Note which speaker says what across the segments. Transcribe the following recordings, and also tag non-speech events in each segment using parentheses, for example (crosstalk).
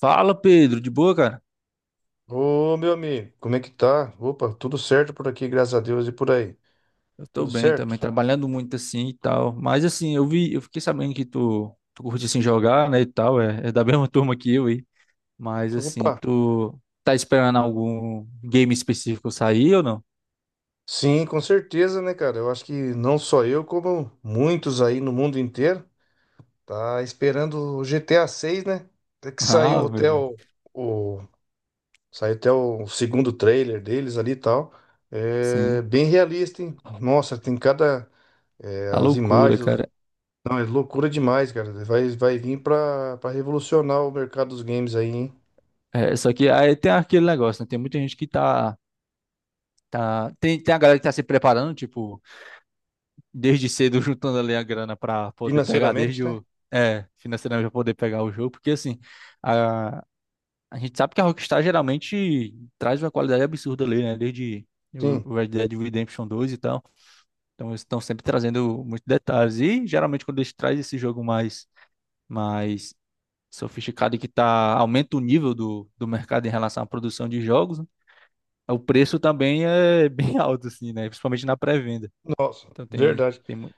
Speaker 1: Fala, Pedro, de boa, cara?
Speaker 2: Ô, meu amigo, como é que tá? Opa, tudo certo por aqui, graças a Deus, e por aí?
Speaker 1: Eu tô
Speaker 2: Tudo
Speaker 1: bem também,
Speaker 2: certo?
Speaker 1: trabalhando muito assim e tal. Mas assim, eu fiquei sabendo que tu curte assim jogar, né, e tal, é da (laughs) mesma turma que eu aí. Mas
Speaker 2: Então,
Speaker 1: assim,
Speaker 2: opa,
Speaker 1: tu tá esperando algum game específico sair ou não? (laughs)
Speaker 2: sim, com certeza, né, cara? Eu acho que não só eu, como muitos aí no mundo inteiro, tá esperando o GTA 6, né? Até que saiu
Speaker 1: Ah, meu
Speaker 2: até
Speaker 1: bem.
Speaker 2: o, o- saiu até o segundo trailer deles ali e tal. É
Speaker 1: Sim,
Speaker 2: bem realista, hein? Nossa, tem cada é,
Speaker 1: tá
Speaker 2: as
Speaker 1: loucura,
Speaker 2: imagens,
Speaker 1: cara.
Speaker 2: não, é loucura demais, cara. Vai, vai vir para revolucionar o mercado dos games aí, hein?
Speaker 1: É, só que aí tem aquele negócio, né? Tem muita gente que tá, tem a galera que tá se preparando, tipo, desde cedo (laughs) juntando ali a grana pra poder pegar
Speaker 2: Financeiramente,
Speaker 1: desde
Speaker 2: né?
Speaker 1: o... É, financeiramente pra poder pegar o jogo, porque assim, a, a gente sabe que a Rockstar geralmente traz uma qualidade absurda ali, né? Desde
Speaker 2: Sim,
Speaker 1: o Red Dead Redemption 2 e tal. Então eles estão sempre trazendo muitos detalhes. E geralmente quando eles trazem esse jogo mais sofisticado, e que tá, aumenta o nível do mercado em relação à produção de jogos, né, o preço também é (laughs) bem alto, assim, né? Principalmente na pré-venda.
Speaker 2: nossa,
Speaker 1: Então tem,
Speaker 2: verdade.
Speaker 1: tem, mu-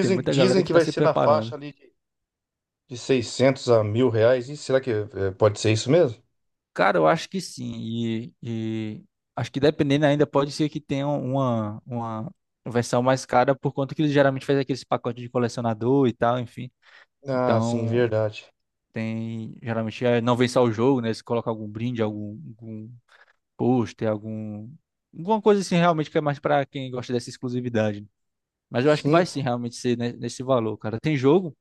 Speaker 1: tem muita galera
Speaker 2: dizem
Speaker 1: que
Speaker 2: que
Speaker 1: está
Speaker 2: vai
Speaker 1: se
Speaker 2: ser na faixa
Speaker 1: preparando.
Speaker 2: ali de 600 a mil reais. E será que pode ser isso mesmo?
Speaker 1: Cara, eu acho que sim. E acho que, dependendo, ainda pode ser que tenha uma versão mais cara, por conta que eles geralmente fazem aqueles pacotes de colecionador e tal, enfim.
Speaker 2: Ah, sim,
Speaker 1: Então,
Speaker 2: verdade.
Speaker 1: tem geralmente, não vem só o jogo, né? Eles colocam algum brinde, algum pôster, alguma coisa assim, realmente, que é mais pra quem gosta dessa exclusividade. Mas eu acho que
Speaker 2: Sim,
Speaker 1: vai sim realmente ser nesse valor, cara. Tem jogo,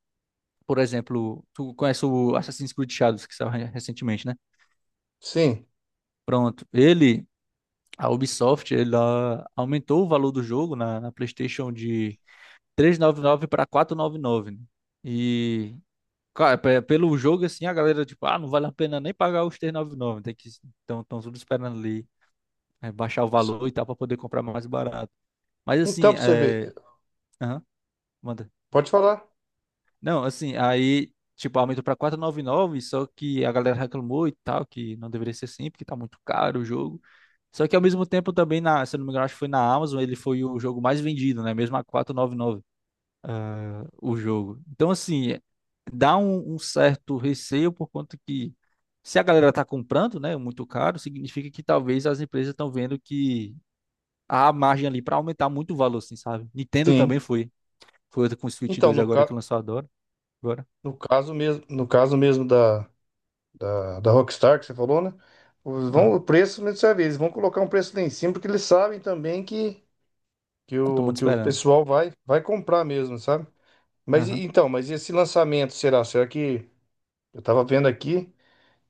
Speaker 1: por exemplo, tu conhece o Assassin's Creed Shadows, que saiu recentemente, né?
Speaker 2: sim.
Speaker 1: Pronto. Ele A Ubisoft, ela aumentou o valor do jogo na PlayStation de 399 para 499, né? E cara, pelo jogo assim, a galera, tipo, ah, não vale a pena nem pagar os 399. Tem que... Então, estão tudo esperando ali, é, baixar o valor e tal, para poder comprar mais barato. Mas
Speaker 2: Então,
Speaker 1: assim,
Speaker 2: pra você
Speaker 1: é,
Speaker 2: ver,
Speaker 1: aham, manda.
Speaker 2: pode falar.
Speaker 1: Não, assim, aí, tipo, aumentou pra 499, só que a galera reclamou e tal, que não deveria ser assim, porque tá muito caro o jogo. Só que ao mesmo tempo também, na, se eu não me engano, acho que foi na Amazon, ele foi o jogo mais vendido, né? Mesmo a 499, ah, o jogo. Então, assim, é, dá um certo receio, por conta que, se a galera tá comprando, né, muito caro, significa que talvez as empresas estão vendo que há margem ali pra aumentar muito o valor, assim, sabe? Nintendo
Speaker 2: Sim.
Speaker 1: também foi. Foi outra com o Switch
Speaker 2: Então,
Speaker 1: 2 agora que lançou agora.
Speaker 2: no caso mesmo, no caso mesmo da Rockstar que você falou, né? Vão,
Speaker 1: agora.
Speaker 2: o preço mesmo você vê, eles vão colocar um preço lá em cima, porque eles sabem também
Speaker 1: Eu tô muito
Speaker 2: que o
Speaker 1: esperando.
Speaker 2: pessoal vai, vai comprar mesmo, sabe? Mas
Speaker 1: Aham.
Speaker 2: então, mas esse lançamento será? Será que eu tava vendo aqui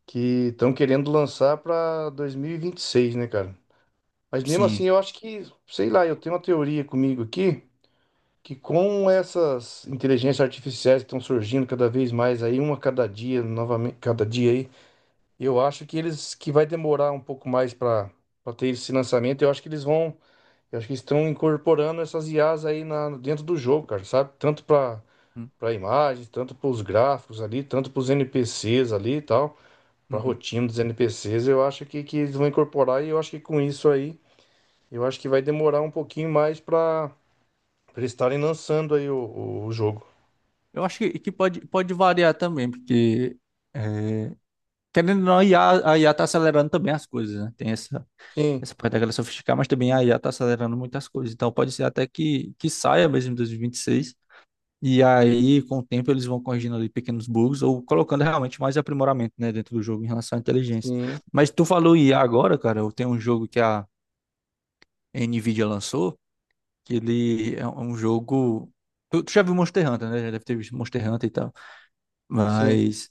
Speaker 2: que estão querendo lançar para 2026, né, cara? Mas mesmo assim,
Speaker 1: Sim.
Speaker 2: eu acho que, sei lá, eu tenho uma teoria comigo aqui que com essas inteligências artificiais que estão surgindo cada vez mais aí, uma cada dia, novamente, cada dia aí, eu acho que eles que vai demorar um pouco mais para ter esse lançamento. Eu acho que eles vão, eu acho que estão incorporando essas IAs aí na, dentro do jogo, cara, sabe? Tanto para
Speaker 1: Hum.
Speaker 2: para a imagem, tanto para os gráficos ali, tanto para os NPCs ali e tal, para a
Speaker 1: Uhum.
Speaker 2: rotina dos NPCs, eu acho que eles vão incorporar e eu acho que com isso aí, eu acho que vai demorar um pouquinho mais para eles estarem lançando aí o jogo.
Speaker 1: Eu acho que pode variar também, porque é, querendo ou não, a IA, tá acelerando também as coisas, né? Tem essa,
Speaker 2: Sim,
Speaker 1: essa parte da galera sofisticar, mas também a IA tá acelerando muitas coisas. Então, pode ser até que saia mesmo em 2026. E 26. E aí, com o tempo, eles vão corrigindo ali pequenos bugs ou colocando realmente mais aprimoramento, né, dentro do jogo em relação à inteligência.
Speaker 2: sim,
Speaker 1: Mas tu falou IA agora, cara, eu tenho um jogo que a NVIDIA lançou. Que ele é um jogo. Tu já viu Monster Hunter, né? Já deve ter visto Monster Hunter e tal.
Speaker 2: sim.
Speaker 1: Mas...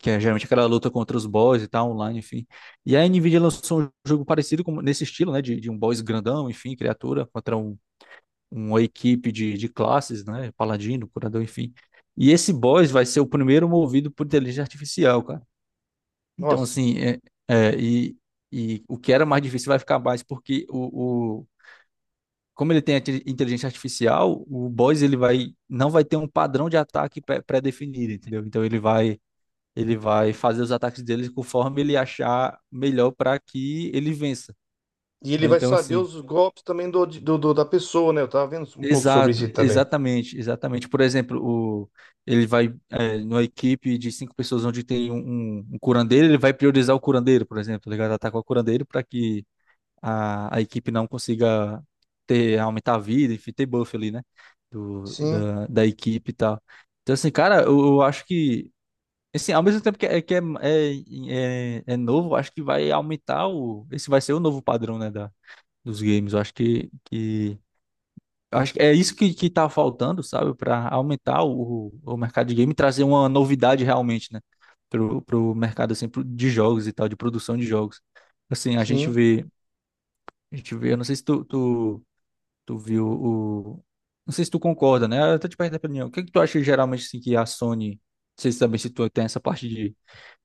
Speaker 1: Que é geralmente aquela luta contra os boss e tal, online, enfim. E a Nvidia lançou um jogo parecido com, nesse estilo, né? De um boss grandão, enfim, criatura, contra uma equipe de classes, né? Paladino, curador, enfim. E esse boss vai ser o primeiro movido por inteligência artificial, cara. Então,
Speaker 2: Nossa.
Speaker 1: assim, é, e, o que era mais difícil vai ficar mais, porque como ele tem a inteligência artificial, o boss, ele vai não vai ter um padrão de ataque pré-definido, entendeu? Então, ele vai fazer os ataques dele conforme ele achar melhor para que ele vença,
Speaker 2: E ele
Speaker 1: né?
Speaker 2: vai
Speaker 1: Então,
Speaker 2: saber
Speaker 1: assim,
Speaker 2: os golpes também da pessoa, né? Eu tava vendo um pouco sobre
Speaker 1: exato,
Speaker 2: isso também.
Speaker 1: exatamente, exatamente. Por exemplo, o ele vai, numa equipe de 5 pessoas onde tem um curandeiro, ele vai priorizar o curandeiro, por exemplo, tá ligado? Atacar o curandeiro para que a equipe não consiga aumentar a vida, enfim, ter buff ali, né? Do,
Speaker 2: Sim,
Speaker 1: da, da equipe e tal. Então, assim, cara, eu acho que, assim, ao mesmo tempo que é novo, eu acho que vai aumentar o... Esse vai ser o novo padrão, né, dos games. Eu acho que eu acho que é isso que tá faltando, sabe? Para aumentar o mercado de game e trazer uma novidade realmente, né? Pro mercado, assim, de jogos e tal, de produção de jogos. Assim, a gente
Speaker 2: sim.
Speaker 1: vê. A gente vê, eu não sei se tu viu o... Não sei se tu concorda, né? Eu tô te perguntando a opinião. O que é que tu acha, geralmente, assim, que a Sony... Não sei se também, se tu tem essa parte de,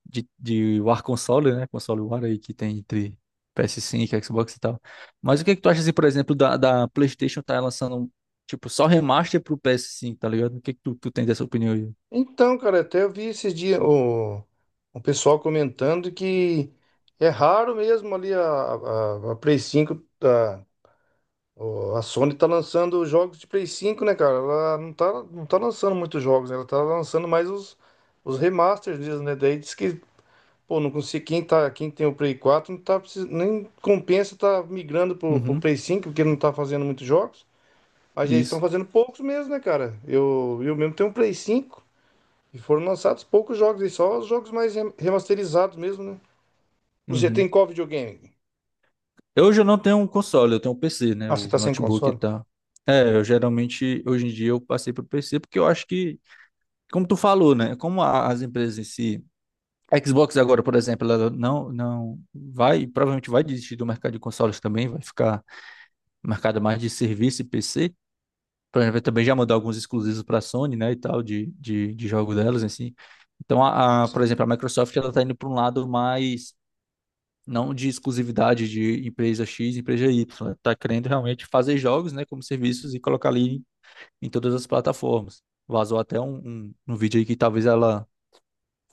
Speaker 1: de War Console, né? Console War aí, que tem entre PS5, Xbox e tal. Mas o que é que tu acha, assim, por exemplo, da PlayStation tá lançando, tipo, só remaster pro PS5, tá ligado? O que é que tu tem dessa opinião aí?
Speaker 2: Então, cara, até eu vi esses dias o pessoal comentando que é raro mesmo ali a Play cinco Sony tá lançando jogos de Play cinco né, cara? Ela não tá, não tá lançando muitos jogos, né? Ela tá lançando mais os remasters mesmo, né? Daí diz que, pô, não consigo, quem tá, quem tem o Play quatro não tá nem compensa tá migrando pro
Speaker 1: Uhum,
Speaker 2: Play cinco porque não tá fazendo muitos jogos. Mas eles estão
Speaker 1: isso.
Speaker 2: fazendo poucos mesmo, né, cara? Eu mesmo tenho um Play cinco e foram lançados poucos jogos, e só os jogos mais remasterizados mesmo, né? Você
Speaker 1: Uhum.
Speaker 2: tem qual videogame?
Speaker 1: Eu hoje eu não tenho um console, eu tenho um PC, né?
Speaker 2: Ah, você
Speaker 1: O
Speaker 2: tá sem
Speaker 1: notebook e
Speaker 2: console?
Speaker 1: tal. É, eu geralmente, hoje em dia, eu passei pro PC, porque eu acho que... Como tu falou, né? Como as empresas em si, a Xbox agora, por exemplo, ela não vai, provavelmente vai desistir do mercado de consoles também, vai ficar mercado mais de serviço e PC. Por exemplo, vai também já mandar alguns exclusivos para a Sony, né, e tal, de, de jogo delas, assim. Então, por
Speaker 2: Sim.
Speaker 1: exemplo, a Microsoft, ela tá indo para um lado mais, não de exclusividade de empresa X, empresa Y. Ela tá querendo realmente fazer jogos, né, como serviços, e colocar ali em, todas as plataformas. Vazou até um vídeo aí, que talvez ela,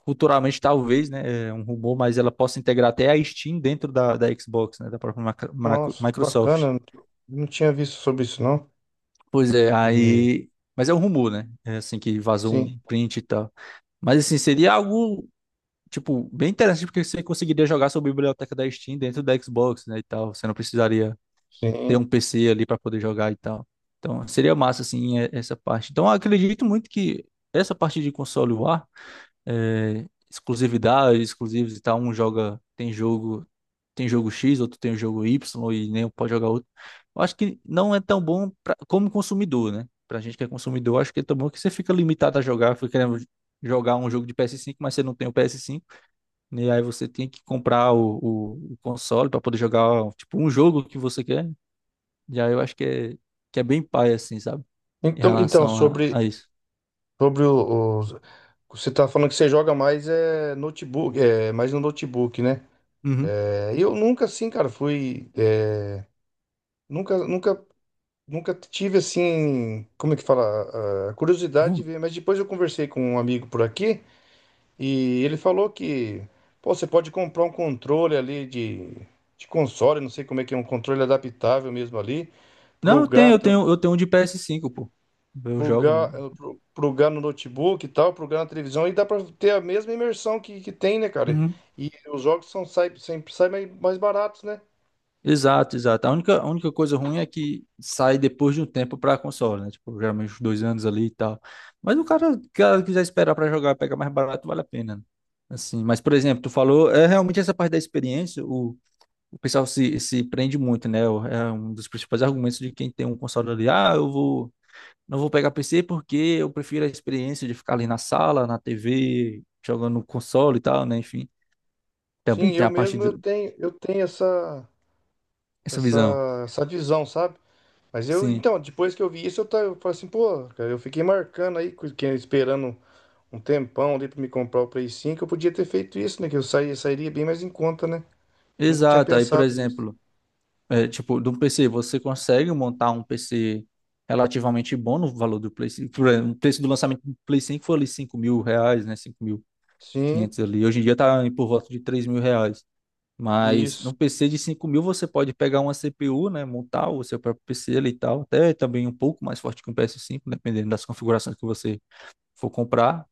Speaker 1: futuramente, talvez, né, é um rumor, mas ela possa integrar até a Steam dentro da Xbox, né, da própria
Speaker 2: Nossa, que
Speaker 1: Microsoft.
Speaker 2: bacana. Não tinha visto sobre isso, não.
Speaker 1: Pois é,
Speaker 2: E-
Speaker 1: aí. Mas é um rumor, né? É assim, que vazou
Speaker 2: Sim,
Speaker 1: um print e tal. Mas assim, seria algo, tipo, bem interessante, porque você conseguiria jogar sua biblioteca da Steam dentro da Xbox, né, e tal. Você não precisaria ter
Speaker 2: sim.
Speaker 1: um PC ali para poder jogar e tal. Então, seria massa, assim, essa parte. Então, eu acredito muito que essa parte de console VR, é, exclusividade, exclusivos e tal. Um joga, tem jogo X, outro tem o jogo Y, e nem um pode jogar outro. Eu acho que não é tão bom pra, como consumidor, né? Pra gente que é consumidor, acho que é tão bom, que você fica limitado a jogar, fica querendo jogar um jogo de PS5, mas você não tem o PS5, e aí você tem que comprar o console para poder jogar, tipo, um jogo que você quer. E aí, eu acho que é bem pai, assim, sabe? Em
Speaker 2: Então, então
Speaker 1: relação a isso.
Speaker 2: sobre o, os- você tá falando que você joga mais é notebook, é mais no notebook, né?
Speaker 1: Uhum.
Speaker 2: É, eu nunca, assim, cara, fui. É, nunca, nunca, nunca tive assim. Como é que fala? A curiosidade de ver, mas depois eu conversei com um amigo por aqui. E ele falou que, pô, você pode comprar um controle ali de console, não sei como é que é, um controle adaptável mesmo ali, pro
Speaker 1: Não, eu tenho, eu
Speaker 2: gato,
Speaker 1: tenho, eu tenho um de PS5, pô. Eu
Speaker 2: pro
Speaker 1: jogo
Speaker 2: ga,
Speaker 1: no...
Speaker 2: eh, pro, pro Gá no notebook e tal, pro Gá na televisão, e dá pra ter a mesma imersão que tem, né, cara?
Speaker 1: Uhum.
Speaker 2: E os jogos são, sai, sempre saem mais, mais baratos, né?
Speaker 1: Exato, exato. A única coisa ruim é que sai depois de um tempo pra console, né? Tipo, geralmente uns 2 anos ali e tal. Mas o cara quiser esperar pra jogar, pega mais barato, vale a pena, né? Assim, mas, por exemplo, tu falou, é realmente essa parte da experiência, o pessoal se prende muito, né? É um dos principais argumentos de quem tem um console ali. Ah, eu vou... não vou pegar PC, porque eu prefiro a experiência de ficar ali na sala, na TV, jogando no console e tal, né? Enfim. Também
Speaker 2: Sim, eu
Speaker 1: tem a partir
Speaker 2: mesmo eu tenho essa,
Speaker 1: dessa visão.
Speaker 2: essa, essa visão, sabe? Mas eu,
Speaker 1: Sim,
Speaker 2: então, depois que eu vi isso, eu, tá, eu falei assim, pô, cara, eu fiquei marcando aí, esperando um tempão ali pra me comprar o Play 5, eu podia ter feito isso, né? Que eu sairia bem mais em conta, né? Nunca tinha
Speaker 1: exato. Aí, por
Speaker 2: pensado nisso.
Speaker 1: exemplo, é, tipo, de um PC, você consegue montar um PC relativamente bom no valor do Play 5. Por exemplo, o preço do lançamento do Play 5 foi ali R$ 5.000, né? cinco mil e
Speaker 2: Sim,
Speaker 1: quinhentos ali. Hoje em dia tá por volta de R$ 3.000. Mas
Speaker 2: isso.
Speaker 1: num PC de 5.000 você pode pegar uma CPU, né? Montar o seu próprio PC ali e tal. Até também um pouco mais forte que um PS5, dependendo das configurações que você for comprar.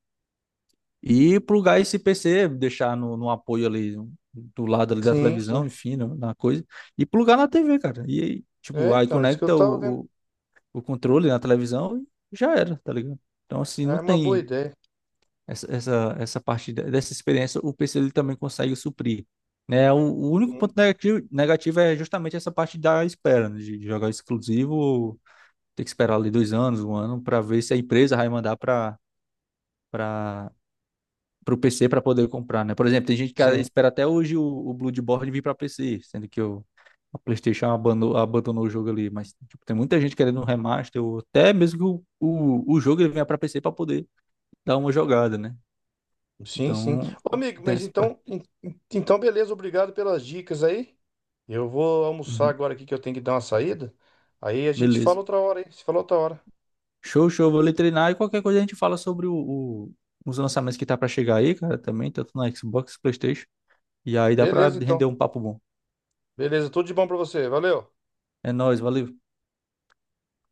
Speaker 1: E plugar esse PC, deixar no apoio ali, do lado ali da
Speaker 2: Sim, sim.
Speaker 1: televisão, enfim, na coisa. E plugar na TV, cara. E aí, tipo,
Speaker 2: É,
Speaker 1: aí
Speaker 2: então, é isso que eu
Speaker 1: conecta
Speaker 2: tava vendo.
Speaker 1: o controle na televisão, e já era, tá ligado? Então, assim,
Speaker 2: É
Speaker 1: não
Speaker 2: uma boa
Speaker 1: tem
Speaker 2: ideia.
Speaker 1: essa parte dessa experiência, o PC ele também consegue suprir. Né? O único
Speaker 2: Sim,
Speaker 1: ponto negativo, negativo é justamente essa parte da espera, né? De jogar exclusivo, ter que esperar ali 2 anos, um ano, para ver se a empresa vai mandar pra para pro PC para poder comprar, né? Por exemplo, tem gente que
Speaker 2: sim,
Speaker 1: espera até hoje o Bloodborne vir para PC, sendo que a PlayStation abandonou, abandonou o jogo ali. Mas, tipo, tem muita gente querendo um remaster, ou até mesmo que o jogo ele venha para PC, para poder dar uma jogada, né?
Speaker 2: sim. Sim.
Speaker 1: Então,
Speaker 2: Ô, amigo,
Speaker 1: tem
Speaker 2: mas
Speaker 1: essa parte.
Speaker 2: então, então beleza, obrigado pelas dicas aí. Eu vou almoçar
Speaker 1: Uhum.
Speaker 2: agora aqui que eu tenho que dar uma saída. Aí a gente fala
Speaker 1: Beleza.
Speaker 2: outra hora, hein? Se fala outra hora.
Speaker 1: Show, show. Vou ali treinar, e qualquer coisa a gente fala sobre o, o- os lançamentos que tá para chegar aí, cara, também, tanto na Xbox, PlayStation. E aí dá para
Speaker 2: Beleza,
Speaker 1: render
Speaker 2: então.
Speaker 1: um papo bom.
Speaker 2: Beleza, tudo de bom pra você. Valeu.
Speaker 1: É nóis, valeu.